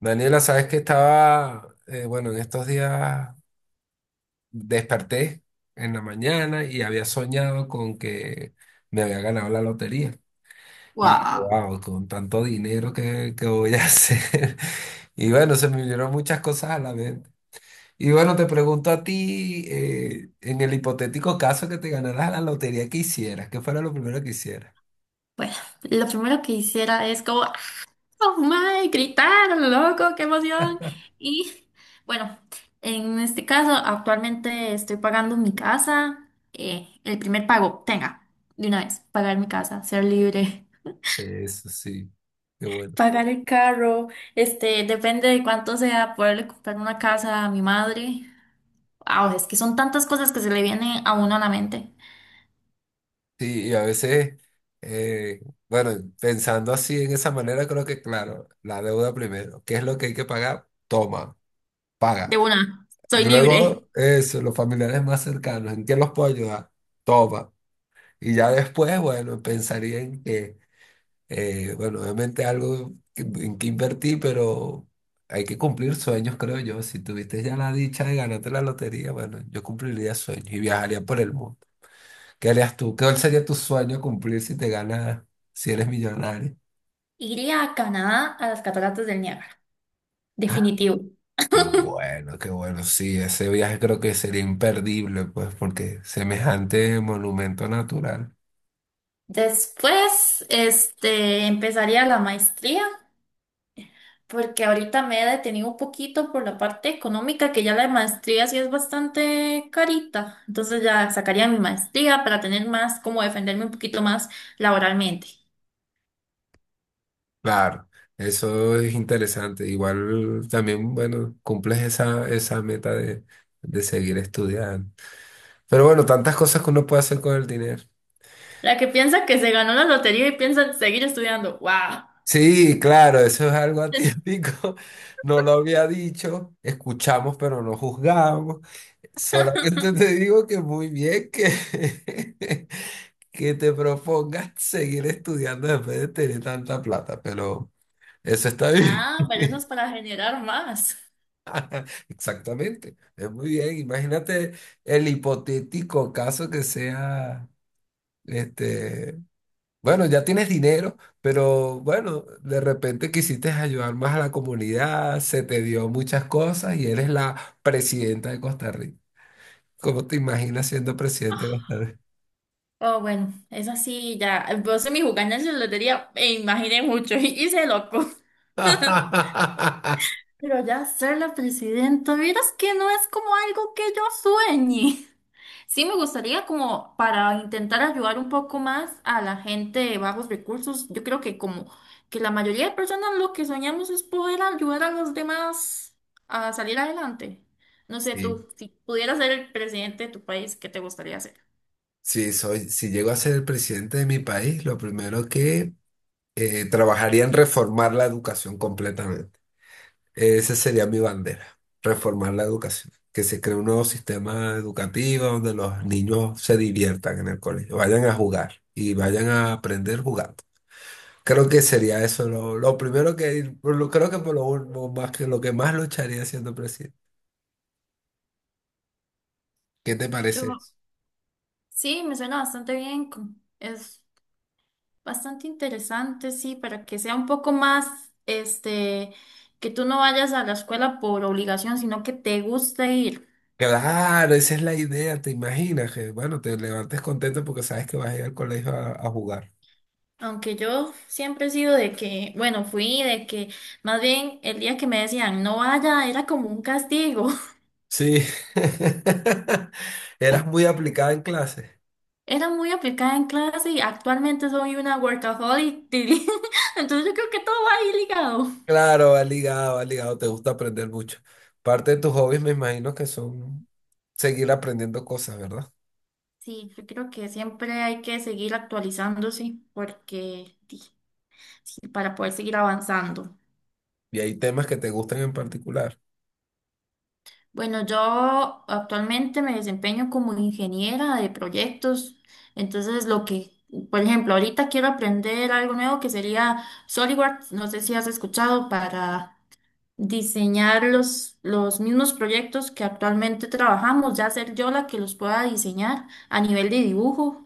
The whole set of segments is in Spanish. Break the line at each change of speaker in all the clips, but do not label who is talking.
Daniela, sabes que estaba, bueno, en estos días desperté en la mañana y había soñado con que me había ganado la lotería. Y dije,
Wow.
wow, con tanto dinero que voy a hacer. Y bueno, se me vinieron muchas cosas a la mente. Y bueno, te pregunto a ti, en el hipotético caso que te ganaras la lotería, ¿qué hicieras? ¿Qué fuera lo primero que hicieras?
Bueno, lo primero que hiciera es como, "Ah, oh my", gritar, loco, qué emoción. Y bueno, en este caso, actualmente estoy pagando mi casa, el primer pago, tenga, de una vez, pagar mi casa, ser libre,
Eso sí, qué bueno.
pagar el carro, depende de cuánto sea, poderle comprar una casa a mi madre. Wow, es que son tantas cosas que se le vienen a uno a la mente.
Sí, y a veces, eh, bueno, pensando así en esa manera, creo que claro, la deuda primero, ¿qué es lo que hay que pagar? Toma,
De
paga.
una, soy libre.
Luego, eso, los familiares más cercanos, ¿en qué los puedo ayudar? Toma. Y ya después, bueno, pensaría en bueno, obviamente en que invertí, pero hay que cumplir sueños, creo yo. Si tuviste ya la dicha de ganarte la lotería, bueno, yo cumpliría sueños y viajaría por el mundo. ¿Qué harías tú? ¿Cuál sería tu sueño cumplir si te ganas, si eres millonario?
Iría a Canadá a las cataratas del Niágara.
Ah,
Definitivo.
qué bueno, qué bueno. Sí, ese viaje creo que sería imperdible, pues, porque semejante monumento natural.
Después, empezaría la maestría, porque ahorita me he detenido un poquito por la parte económica, que ya la maestría sí es bastante carita. Entonces ya sacaría mi maestría para tener más, como defenderme un poquito más laboralmente.
Claro, eso es interesante. Igual también, bueno, cumples esa meta de seguir estudiando. Pero bueno, tantas cosas que uno puede hacer con el dinero.
La que piensa que se ganó la lotería y piensa seguir estudiando. ¡Wow!
Sí, claro, eso es algo atípico. No lo había dicho. Escuchamos, pero no juzgamos. Solamente te digo que muy bien que, que te propongas seguir estudiando después de tener tanta plata, pero eso está bien.
Ah, pero eso es para generar más.
Exactamente, es muy bien. Imagínate el hipotético caso que sea, este, bueno, ya tienes dinero, pero bueno, de repente quisiste ayudar más a la comunidad, se te dio muchas cosas y eres la presidenta de Costa Rica. ¿Cómo te imaginas siendo presidente de Costa Rica?
Oh, bueno, eso sí, ya. Vos en mi jugada en la lotería me imaginé mucho y hice loco. Pero ya ser la presidenta, vieras que no es como algo que yo sueñe. Sí me gustaría como para intentar ayudar un poco más a la gente de bajos recursos. Yo creo que como que la mayoría de personas lo que soñamos es poder ayudar a los demás a salir adelante. No sé,
Sí,
tú, si pudieras ser el presidente de tu país, ¿qué te gustaría hacer?
sí, soy, si llego a ser el presidente de mi país, lo primero que trabajaría en reformar la educación completamente. Esa sería mi bandera, reformar la educación. Que se cree un nuevo sistema educativo donde los niños se diviertan en el colegio, vayan a jugar y vayan a aprender jugando. Creo que sería eso lo primero que, creo que lo más que más lucharía siendo presidente. ¿Qué te
Yo,
parece eso?
sí, me suena bastante bien. Es Bastante interesante, sí, para que sea un poco más, este, que tú no vayas a la escuela por obligación, sino que te guste ir.
Claro, esa es la idea, te imaginas que, bueno, te levantes contento porque sabes que vas a ir al colegio a jugar.
Aunque yo siempre he sido de que, bueno, más bien el día que me decían no vaya era como un castigo.
Sí, eras muy aplicada en clase.
Era muy aplicada en clase y actualmente soy una workaholic. Entonces yo creo que todo va ahí ligado.
Claro, va ligado, te gusta aprender mucho. Parte de tus hobbies me imagino que son seguir aprendiendo cosas, ¿verdad?
Sí, yo creo que siempre hay que seguir actualizándose porque, sí, para poder seguir avanzando.
Y hay temas que te gustan en particular.
Bueno, yo actualmente me desempeño como ingeniera de proyectos, entonces lo que, por ejemplo, ahorita quiero aprender algo nuevo que sería SolidWorks, no sé si has escuchado, para diseñar los mismos proyectos que actualmente trabajamos, ya ser yo la que los pueda diseñar a nivel de dibujo,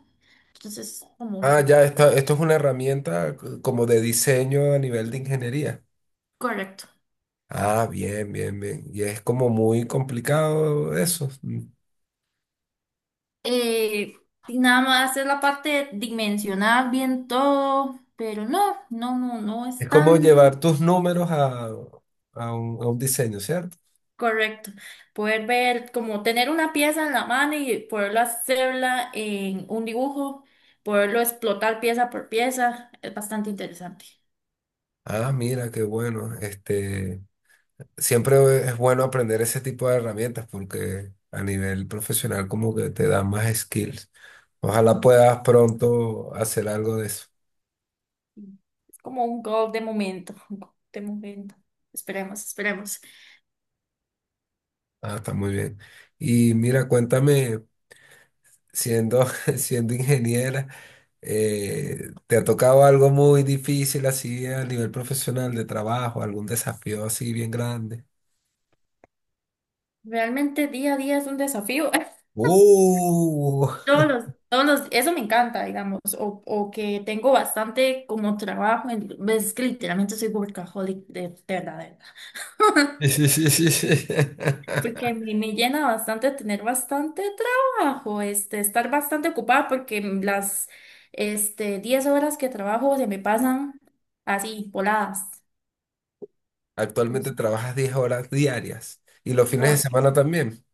entonces como
Ah, ya, esto es una como de diseño a nivel de ingeniería.
correcto.
Ah, bien, bien, bien. Y es como muy complicado eso.
Eh, y nada más es la parte de dimensionar bien todo, pero no
Es
es
como
tan...
llevar tus números a un diseño, ¿cierto?
Correcto. Poder ver, como tener una pieza en la mano y poderlo hacerla en un dibujo, poderlo explotar pieza por pieza, es bastante interesante.
Ah, mira, qué bueno. Este, siempre es bueno aprender ese tipo de herramientas porque a nivel profesional como que te dan más skills. Ojalá puedas pronto hacer algo de eso.
Es como un gol de momento, un gol de momento. Esperemos, esperemos.
Ah, está muy bien. Y mira, cuéntame, siendo, siendo ingeniera, ¿te ha tocado algo muy difícil así a nivel profesional de trabajo, algún desafío así bien grande?
Realmente día a día es un desafío.
¡Uh!
Eso me encanta, digamos, o que tengo bastante como trabajo, en, es que literalmente soy workaholic de verdad.
Sí, sí, sí, sí, sí.
Porque me llena bastante tener bastante trabajo, estar bastante ocupada porque 10 horas que trabajo se me pasan así, voladas.
Actualmente
Entonces,
trabajas 10 horas diarias y los fines de
corre.
semana también.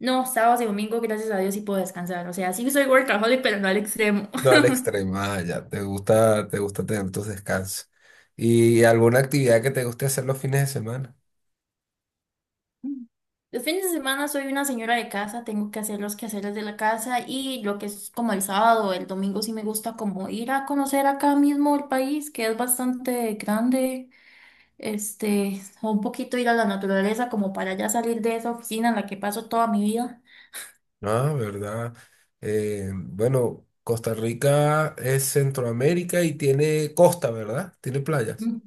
No, sábados y domingo, gracias a Dios, sí puedo descansar. O sea, sí soy workaholic, pero no al extremo.
No, al extremo, ah, ya, te gusta tener tus descansos. ¿Y alguna actividad que te guste hacer los fines de semana?
Los fines de semana soy una señora de casa, tengo que hacer los quehaceres de la casa y lo que es como el sábado, el domingo sí me gusta como ir a conocer acá mismo el país, que es bastante grande. O un poquito ir a la naturaleza como para ya salir de esa oficina en la que paso toda mi vida.
Ah, verdad. Bueno, Costa Rica es Centroamérica y tiene costa, ¿verdad? Tiene playas.
Mm,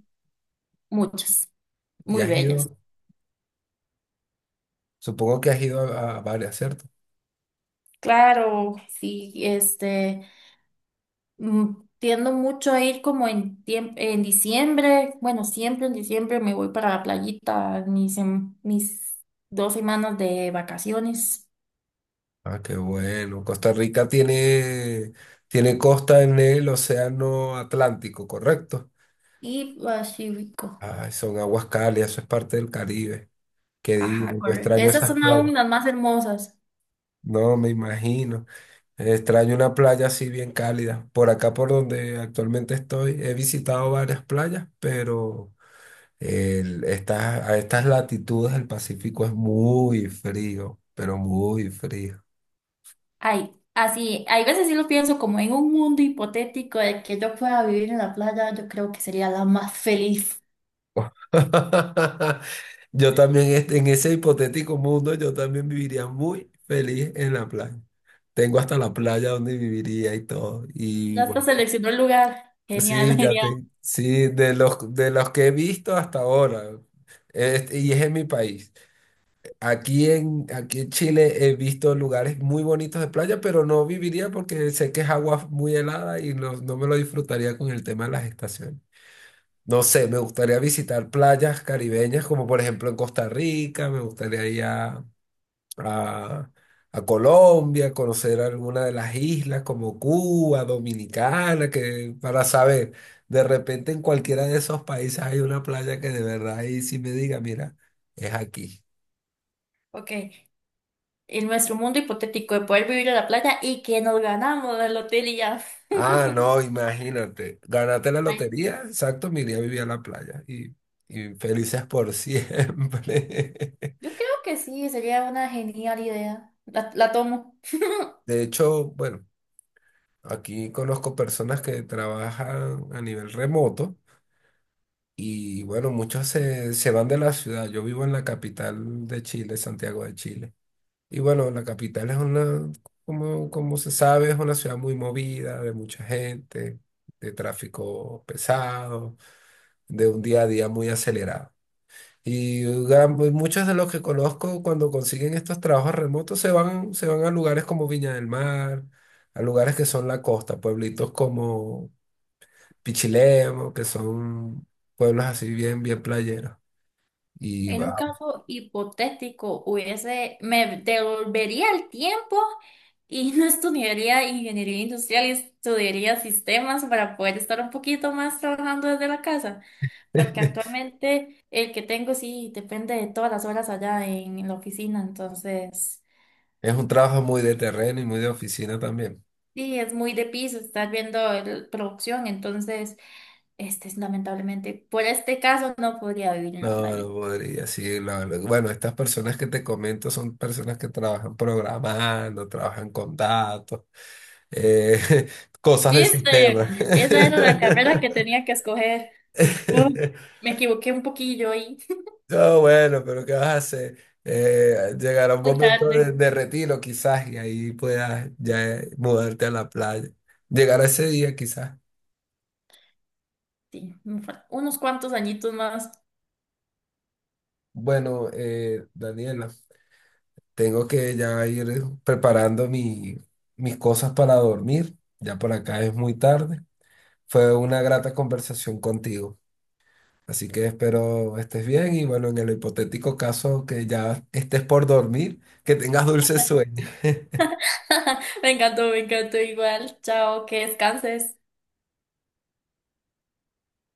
muchas,
Y
muy
has
bellas.
ido, supongo que has ido a varias, ¿cierto?
Claro, sí, tiendo mucho a ir como en en diciembre, bueno, siempre en diciembre me voy para la playita, mis 2 semanas de vacaciones
Ah, qué bueno. Costa Rica tiene, tiene costa en el Océano Atlántico, ¿correcto?
y Pacífico.
Ay, son aguas cálidas, eso es parte del Caribe. Qué
Ajá,
divino, yo
correcto.
extraño
Esas
esas
son
playas.
aún las más hermosas.
No, me imagino. Extraño una playa así bien cálida. Por acá, por donde actualmente estoy, he visitado varias playas, pero estas, a estas latitudes el Pacífico es muy frío, pero muy frío.
Ay, así, hay veces sí lo pienso como en un mundo hipotético de que yo pueda vivir en la playa, yo creo que sería la más feliz.
Yo también, en ese hipotético mundo, yo también viviría muy feliz en la playa. Tengo hasta la playa donde viviría y todo. Y
Ya hasta
bueno,
seleccionó el lugar. Genial,
sí, ya
genial.
te, sí, de los que he visto hasta ahora, este, y es en mi país. Aquí en Chile he visto lugares muy bonitos de playa, pero no viviría porque sé que es agua muy helada y no, no me lo disfrutaría con el tema de las estaciones. No sé, me gustaría visitar playas caribeñas, como por ejemplo en Costa Rica, me gustaría ir a- a Colombia, conocer alguna de las islas como Cuba, Dominicana, que para saber, de repente en cualquiera de esos países hay una playa que de verdad ahí sí me diga, mira, es aquí.
Ok, en nuestro mundo hipotético de poder vivir en la playa y que nos ganamos el hotel y ya.
Ah, no, imagínate, ganaste la lotería, exacto, me iría a vivir a la playa y felices por siempre.
Yo creo que sí, sería una genial idea. La tomo.
De hecho, bueno. Aquí conozco personas que trabajan a nivel remoto y bueno, muchos se van de la ciudad. Yo vivo en la capital de Chile, Santiago de Chile. Y bueno, la capital es una, como, como se sabe, es una ciudad muy movida, de mucha gente, de tráfico pesado, de un día a día muy acelerado. Y pues, muchos de los que conozco cuando consiguen estos trabajos remotos se van a lugares como Viña del Mar, a lugares que son la costa, pueblitos como Pichilemu, que son pueblos así bien, bien playeros. Y
En un
wow,
caso hipotético, hubiese, me devolvería el tiempo y no estudiaría ingeniería industrial y estudiaría sistemas para poder estar un poquito más trabajando desde la casa. Porque
es
actualmente el que tengo sí depende de todas las horas allá en la oficina, entonces
un trabajo muy de terreno y muy de oficina también.
sí, es muy de piso estar viendo producción, entonces este es lamentablemente, por este caso no podría vivir en la
No, no
playa.
podría, sí, la- la- Bueno, estas personas que te comento son personas que trabajan programando, trabajan con datos, eh, cosas de sistema.
¿Viste? Esa era la carrera que tenía que escoger. Uh, me equivoqué un poquillo ahí.
No, bueno, pero ¿qué vas a hacer? Llegará un
Muy
momento
tarde.
de retiro quizás y ahí puedas ya, mudarte a la playa. Llegará ese día quizás.
Sí, unos cuantos añitos más.
Bueno, Daniela, tengo que ya ir preparando mi, mis cosas para dormir. Ya por acá es muy tarde. Fue una grata conversación contigo. Así que espero estés bien y bueno, en el hipotético caso que ya estés por dormir, que tengas dulces sueños.
Me encantó igual. Chao, que descanses.